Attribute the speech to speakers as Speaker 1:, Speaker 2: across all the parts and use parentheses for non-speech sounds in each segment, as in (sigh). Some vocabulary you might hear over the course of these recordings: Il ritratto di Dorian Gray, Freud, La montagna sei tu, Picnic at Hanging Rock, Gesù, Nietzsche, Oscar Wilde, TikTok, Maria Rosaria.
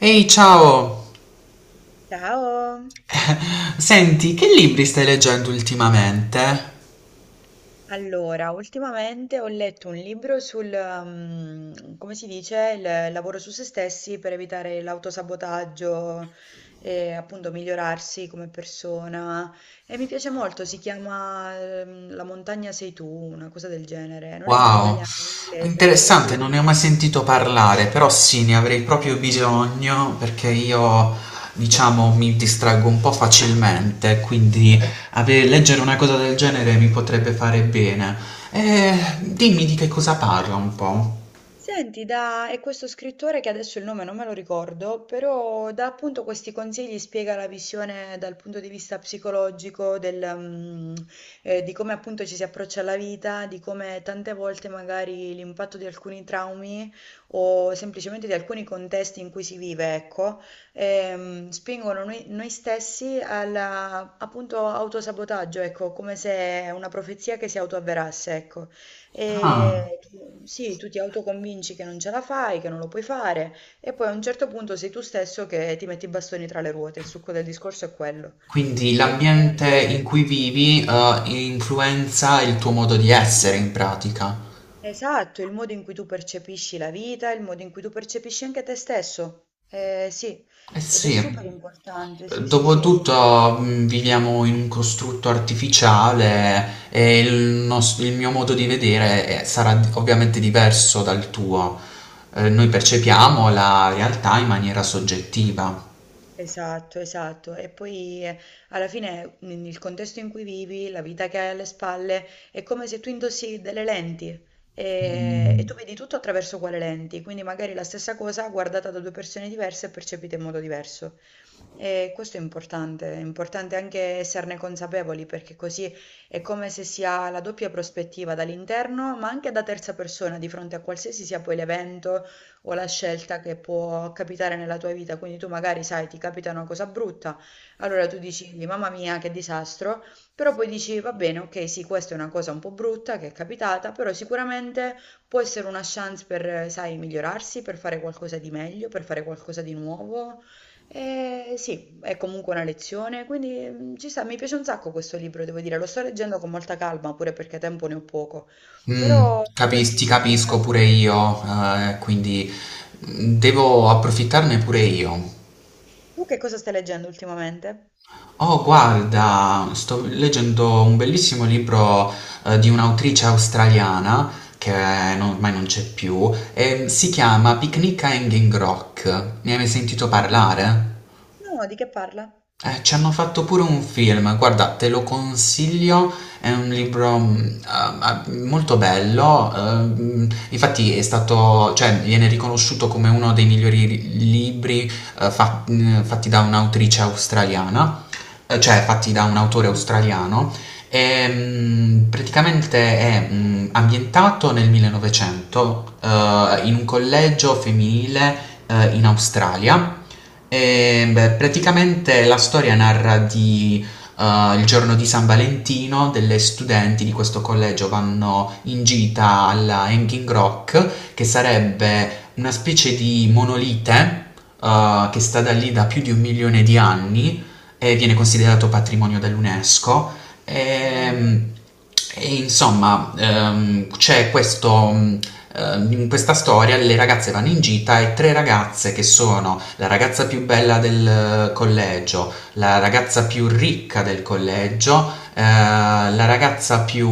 Speaker 1: Ehi, ciao!
Speaker 2: Ciao!
Speaker 1: Senti, che libri stai leggendo ultimamente?
Speaker 2: Allora, ultimamente ho letto un libro sul, come si dice, il lavoro su se stessi per evitare l'autosabotaggio e appunto migliorarsi come persona. E mi piace molto, si chiama, La montagna sei tu, una cosa del genere. Non è in
Speaker 1: Wow,
Speaker 2: italiano, è in inglese, però sì.
Speaker 1: interessante, non ne ho mai sentito parlare, però sì, ne avrei proprio bisogno perché io, diciamo, mi distraggo un po' facilmente, quindi
Speaker 2: Mm.
Speaker 1: leggere una cosa del genere mi potrebbe fare bene. Dimmi di che cosa parla un po'.
Speaker 2: Senti, da è questo scrittore che adesso il nome non me lo ricordo, però dà appunto questi consigli, spiega la visione dal punto di vista psicologico del, di come appunto ci si approccia alla vita, di come tante volte magari l'impatto di alcuni traumi o semplicemente di alcuni contesti in cui si vive, ecco, spingono noi stessi alla appunto autosabotaggio, ecco, come se una profezia che si autoavverasse, ecco.
Speaker 1: Ah,
Speaker 2: E sì, tu ti autoconvinci che non ce la fai, che non lo puoi fare, e poi a un certo punto sei tu stesso che ti metti i bastoni tra le ruote. Il succo del discorso è quello.
Speaker 1: quindi
Speaker 2: E- e
Speaker 1: l'ambiente in
Speaker 2: appunto-
Speaker 1: cui vivi, influenza il tuo modo di essere in pratica.
Speaker 2: Esatto, il modo in cui tu percepisci la vita, il modo in cui tu percepisci anche te stesso. Sì,
Speaker 1: Eh
Speaker 2: ed è super
Speaker 1: sì.
Speaker 2: importante, sì, sì, sì.
Speaker 1: Dopotutto viviamo in un costrutto artificiale e il mio modo di vedere sarà ovviamente diverso dal tuo. Noi percepiamo la realtà in maniera soggettiva.
Speaker 2: Esatto, esatto. E poi alla fine il contesto in cui vivi, la vita che hai alle spalle, è come se tu indossi delle lenti e
Speaker 1: Mm.
Speaker 2: tu vedi tutto attraverso quelle lenti. Quindi magari la stessa cosa guardata da due persone diverse e percepita in modo diverso. E questo è importante anche esserne consapevoli perché così è come se si ha la doppia prospettiva dall'interno, ma anche da terza persona di fronte a qualsiasi sia poi l'evento o la scelta che può capitare nella tua vita. Quindi tu magari sai, ti capita una cosa brutta, allora tu dici, mamma mia, che disastro, però poi dici, va bene, ok, sì, questa è una cosa un po' brutta che è capitata, però sicuramente può essere una chance per, sai, migliorarsi, per fare qualcosa di meglio, per fare qualcosa di nuovo sì, è comunque una lezione, quindi ci sta, mi piace un sacco questo libro, devo dire, lo sto leggendo con molta calma, pure perché tempo ne ho poco,
Speaker 1: Mm,
Speaker 2: però ad oggi
Speaker 1: Ti
Speaker 2: sì, mi
Speaker 1: capisco
Speaker 2: piace.
Speaker 1: pure io, quindi devo approfittarne pure io.
Speaker 2: Tu che cosa stai leggendo ultimamente?
Speaker 1: Oh, guarda, sto leggendo un bellissimo libro di un'autrice australiana che ormai non c'è più, e si chiama Picnic a Hanging Rock. Ne hai mai sentito
Speaker 2: Mhm.
Speaker 1: parlare?
Speaker 2: No, di che parla?
Speaker 1: Ci hanno fatto pure un film, guarda, te lo consiglio, è un libro molto bello. Ehm, infatti è stato, cioè, viene riconosciuto come uno dei migliori libri fatti da un'autrice australiana, cioè fatti da un autore
Speaker 2: Mm.
Speaker 1: australiano. Praticamente è ambientato nel 1900, in un collegio femminile, in Australia. E, beh, praticamente la storia narra di eh, il giorno di San Valentino, delle studenti di questo collegio vanno in gita alla Hanging Rock, che sarebbe una specie di monolite che sta da lì da più di un milione di anni e viene considerato patrimonio dell'UNESCO.
Speaker 2: Wow.
Speaker 1: E, e insomma, c'è questo, in questa storia le ragazze vanno in gita e tre ragazze, che sono la ragazza più bella del collegio, la ragazza più ricca del collegio, la ragazza più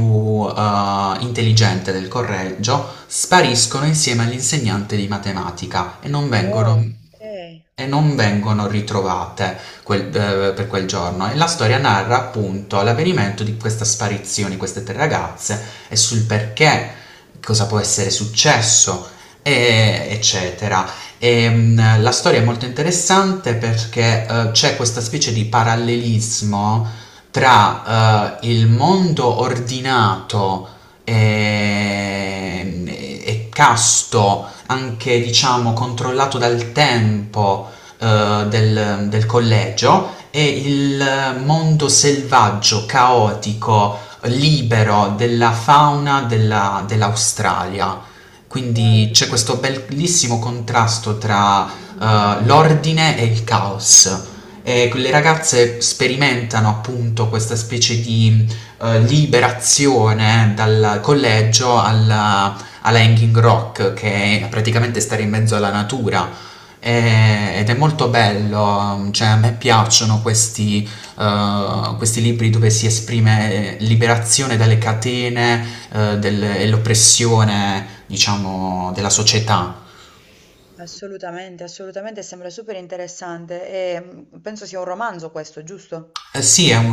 Speaker 1: intelligente del collegio, spariscono insieme all'insegnante di matematica e non vengono
Speaker 2: Oh, ok.
Speaker 1: e non
Speaker 2: Mhm.
Speaker 1: vengono ritrovate per quel giorno, e la storia narra appunto l'avvenimento di questa sparizione di queste tre ragazze e sul perché, cosa può essere successo, eccetera. E, la storia è molto interessante perché c'è questa specie di parallelismo tra il mondo ordinato, e casto, anche diciamo controllato dal tempo, del collegio e il mondo selvaggio, caotico, libero della fauna dell'Australia. Quindi
Speaker 2: Wow.
Speaker 1: c'è questo bellissimo contrasto tra l'ordine e il caos. E le ragazze sperimentano appunto questa specie di liberazione dal collegio alla Hanging Rock, che è praticamente stare in mezzo alla natura, ed è molto bello, cioè a me piacciono questi libri dove si esprime liberazione dalle catene e l'oppressione, diciamo, della società.
Speaker 2: Assolutamente, assolutamente, sembra super interessante e penso sia un romanzo questo, giusto?
Speaker 1: Eh sì, è un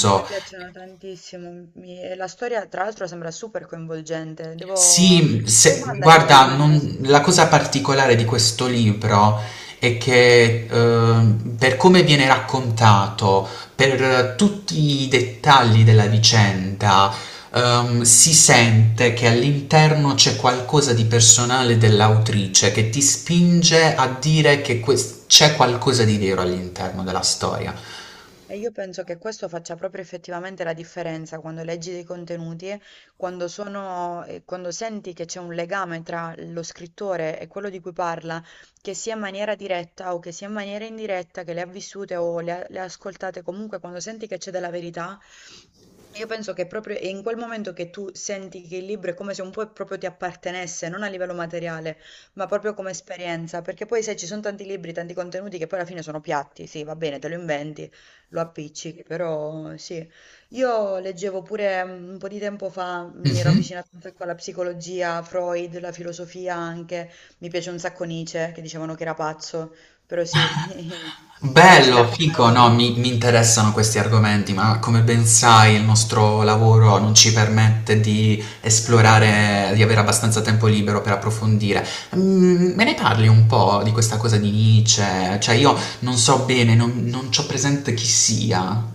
Speaker 2: A me piacciono tantissimo, e la storia tra l'altro sembra super coinvolgente, devo.
Speaker 1: Sì,
Speaker 2: Poi mandami il
Speaker 1: guarda,
Speaker 2: nome, sì.
Speaker 1: la cosa particolare di questo libro è che, per come viene raccontato, per tutti i dettagli della vicenda, si sente che all'interno c'è qualcosa di personale dell'autrice che ti spinge a dire che c'è qualcosa di vero all'interno della storia.
Speaker 2: E io penso che questo faccia proprio effettivamente la differenza quando leggi dei contenuti, quando sono, quando senti che c'è un legame tra lo scrittore e quello di cui parla, che sia in maniera diretta o che sia in maniera indiretta, che le ha vissute o le ha ascoltate, comunque quando senti che c'è della verità, io penso che proprio è in quel momento che tu senti che il libro è come se un po' proprio ti appartenesse, non a livello materiale, ma proprio come esperienza, perché poi sai, ci sono tanti libri, tanti contenuti che poi alla fine sono piatti, sì, va bene, te lo inventi lo appiccichi, però sì. Io leggevo pure un po' di tempo fa, mi ero avvicinata un sacco alla psicologia, Freud, la filosofia anche, mi piace un sacco Nietzsche, che dicevano che era pazzo, però sì, (laughs)
Speaker 1: Bello,
Speaker 2: Oscar
Speaker 1: fico, no,
Speaker 2: Wilde.
Speaker 1: mi interessano questi argomenti, ma come ben sai il nostro lavoro non ci permette di
Speaker 2: Eh,
Speaker 1: esplorare, di avere abbastanza tempo libero per approfondire. Me ne parli un po' di questa cosa di Nietzsche? Cioè io non so bene, non c'ho presente chi sia.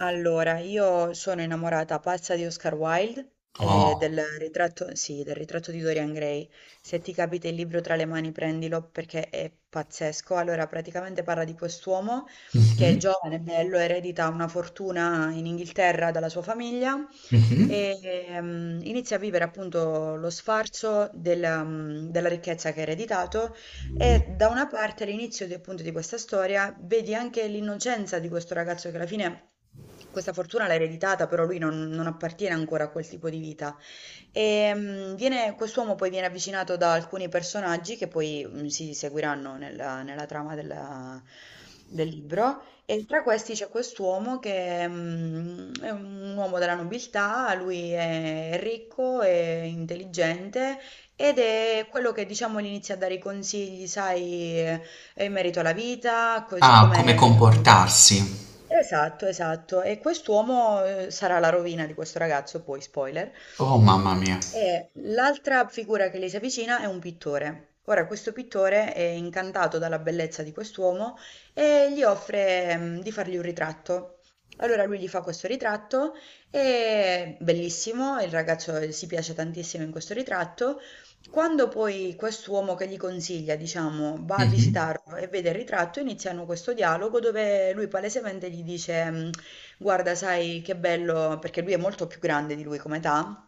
Speaker 2: Allora, io sono innamorata pazza di Oscar Wilde e
Speaker 1: Oh.
Speaker 2: del ritratto, sì, del ritratto di Dorian Gray. Se ti capita il libro tra le mani, prendilo perché è pazzesco. Allora, praticamente parla di quest'uomo che è
Speaker 1: Mhm,
Speaker 2: giovane, bello, eredita una fortuna in Inghilterra dalla sua famiglia
Speaker 1: mhm.
Speaker 2: e inizia a vivere appunto lo sfarzo del, della ricchezza che ha ereditato e da una parte all'inizio appunto di questa storia vedi anche l'innocenza di questo ragazzo che alla fine questa fortuna l'ha ereditata, però lui non appartiene ancora a quel tipo di vita. E quest'uomo poi viene avvicinato da alcuni personaggi che poi si seguiranno nella trama del libro. E tra questi c'è quest'uomo che è un uomo della nobiltà, lui è ricco, è intelligente ed è quello che diciamo gli inizia a dare i consigli, sai, in merito alla vita, così
Speaker 1: Ah, come
Speaker 2: come.
Speaker 1: comportarsi.
Speaker 2: Esatto, esatto. E quest'uomo sarà la rovina di questo ragazzo, poi spoiler.
Speaker 1: Oh, mamma mia.
Speaker 2: E l'altra figura che gli si avvicina è un pittore. Ora, questo pittore è incantato dalla bellezza di quest'uomo e gli offre, di fargli un ritratto. Allora lui gli fa questo ritratto, è bellissimo, il ragazzo si piace tantissimo in questo ritratto quando poi quest'uomo che gli consiglia, diciamo, va a
Speaker 1: Mhm.
Speaker 2: visitarlo e vede il ritratto, iniziano questo dialogo dove lui palesemente gli dice, guarda, sai che bello, perché lui è molto più grande di lui come età,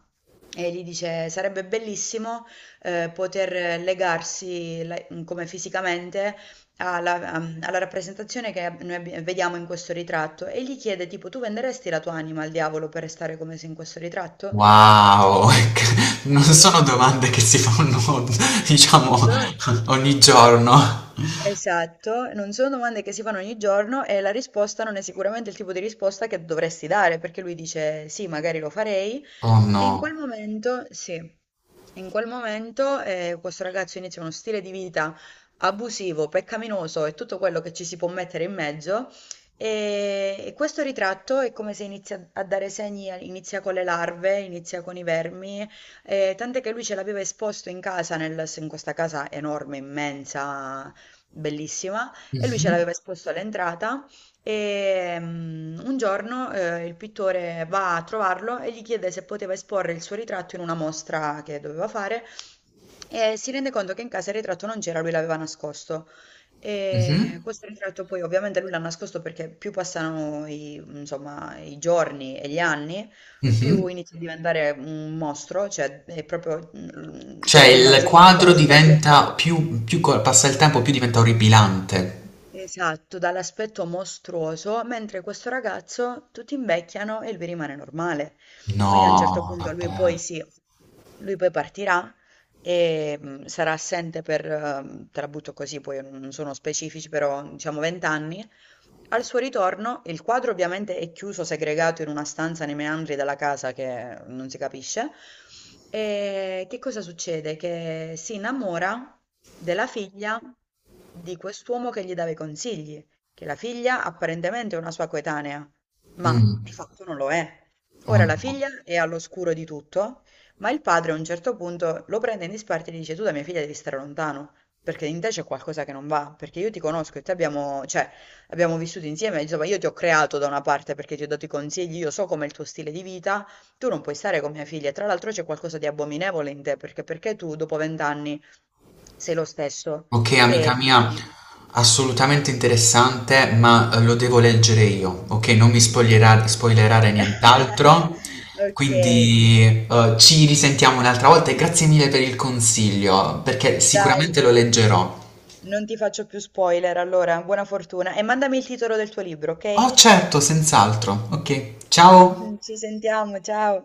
Speaker 2: e gli dice, sarebbe bellissimo poter legarsi come fisicamente alla rappresentazione che noi vediamo in questo ritratto. E gli chiede, tipo, tu venderesti la tua anima al diavolo per restare come sei in questo ritratto?
Speaker 1: Wow! (laughs) Ec Non sono
Speaker 2: Sì.
Speaker 1: domande che si fanno, (laughs)
Speaker 2: Non
Speaker 1: diciamo,
Speaker 2: solo.
Speaker 1: ogni giorno.
Speaker 2: Esatto, non sono domande che si fanno ogni giorno e la risposta non è sicuramente il tipo di risposta che dovresti dare, perché lui dice sì, magari lo farei
Speaker 1: Oh
Speaker 2: e in quel
Speaker 1: no.
Speaker 2: momento, sì, in quel momento questo ragazzo inizia uno stile di vita abusivo, peccaminoso e tutto quello che ci si può mettere in mezzo e questo ritratto è come se inizia a dare segni, inizia con le larve, inizia con i vermi, tant'è che lui ce l'aveva esposto in casa, in questa casa enorme, immensa bellissima, e lui ce
Speaker 1: Mh-mh,
Speaker 2: l'aveva esposto all'entrata e un giorno il pittore va a trovarlo e gli chiede se poteva esporre il suo ritratto in una mostra che doveva fare e si rende conto che in casa il ritratto non c'era, lui l'aveva nascosto.
Speaker 1: mh-mh,
Speaker 2: E questo ritratto poi ovviamente lui l'ha nascosto perché più passano insomma, i giorni e gli anni,
Speaker 1: mh-mh.
Speaker 2: più inizia a diventare un mostro, cioè è proprio, te
Speaker 1: Cioè
Speaker 2: lo puoi
Speaker 1: il
Speaker 2: immaginare
Speaker 1: quadro
Speaker 2: dall'aspetto.
Speaker 1: diventa più co passa il tempo più diventa orripilante.
Speaker 2: Esatto, dall'aspetto mostruoso, mentre questo ragazzo tutti invecchiano e lui rimane normale. Quindi a un certo
Speaker 1: No,
Speaker 2: punto lui
Speaker 1: vabbè.
Speaker 2: poi sì, lui poi partirà e sarà assente per, te la butto così, poi non sono specifici, però diciamo 20 anni al suo ritorno, il quadro ovviamente è chiuso, segregato in una stanza nei meandri della casa che non si capisce. E che cosa succede? Che si innamora della figlia di quest'uomo che gli dava i consigli, che la figlia apparentemente è una sua coetanea,
Speaker 1: Mh.
Speaker 2: ma di fatto non lo è.
Speaker 1: Oh
Speaker 2: Ora la
Speaker 1: no.
Speaker 2: figlia è all'oscuro di tutto, ma il padre a un certo punto lo prende in disparte e gli dice: Tu da mia figlia devi stare lontano, perché in te c'è qualcosa che non va, perché io ti conosco e te abbiamo, cioè, abbiamo vissuto insieme, insomma, io ti ho creato da una parte perché ti ho dato i consigli, io so com'è il tuo stile di vita, tu non puoi stare con mia figlia. Tra l'altro c'è qualcosa di abominevole in te, perché, perché tu dopo vent'anni sei lo stesso
Speaker 1: Ok,
Speaker 2: che
Speaker 1: amica
Speaker 2: eri
Speaker 1: mia,
Speaker 2: vent'anni fa.
Speaker 1: assolutamente interessante, ma lo devo leggere io, ok? Non mi spoilerare, spoilerare
Speaker 2: (laughs)
Speaker 1: nient'altro.
Speaker 2: Ok,
Speaker 1: Quindi ci risentiamo un'altra volta e grazie mille per il consiglio, perché
Speaker 2: dai,
Speaker 1: sicuramente lo leggerò.
Speaker 2: non ti faccio più spoiler, allora, buona fortuna e mandami il titolo del tuo libro, ok?
Speaker 1: Oh, certo, senz'altro. Ok, ciao!
Speaker 2: (laughs) Ci sentiamo, ciao.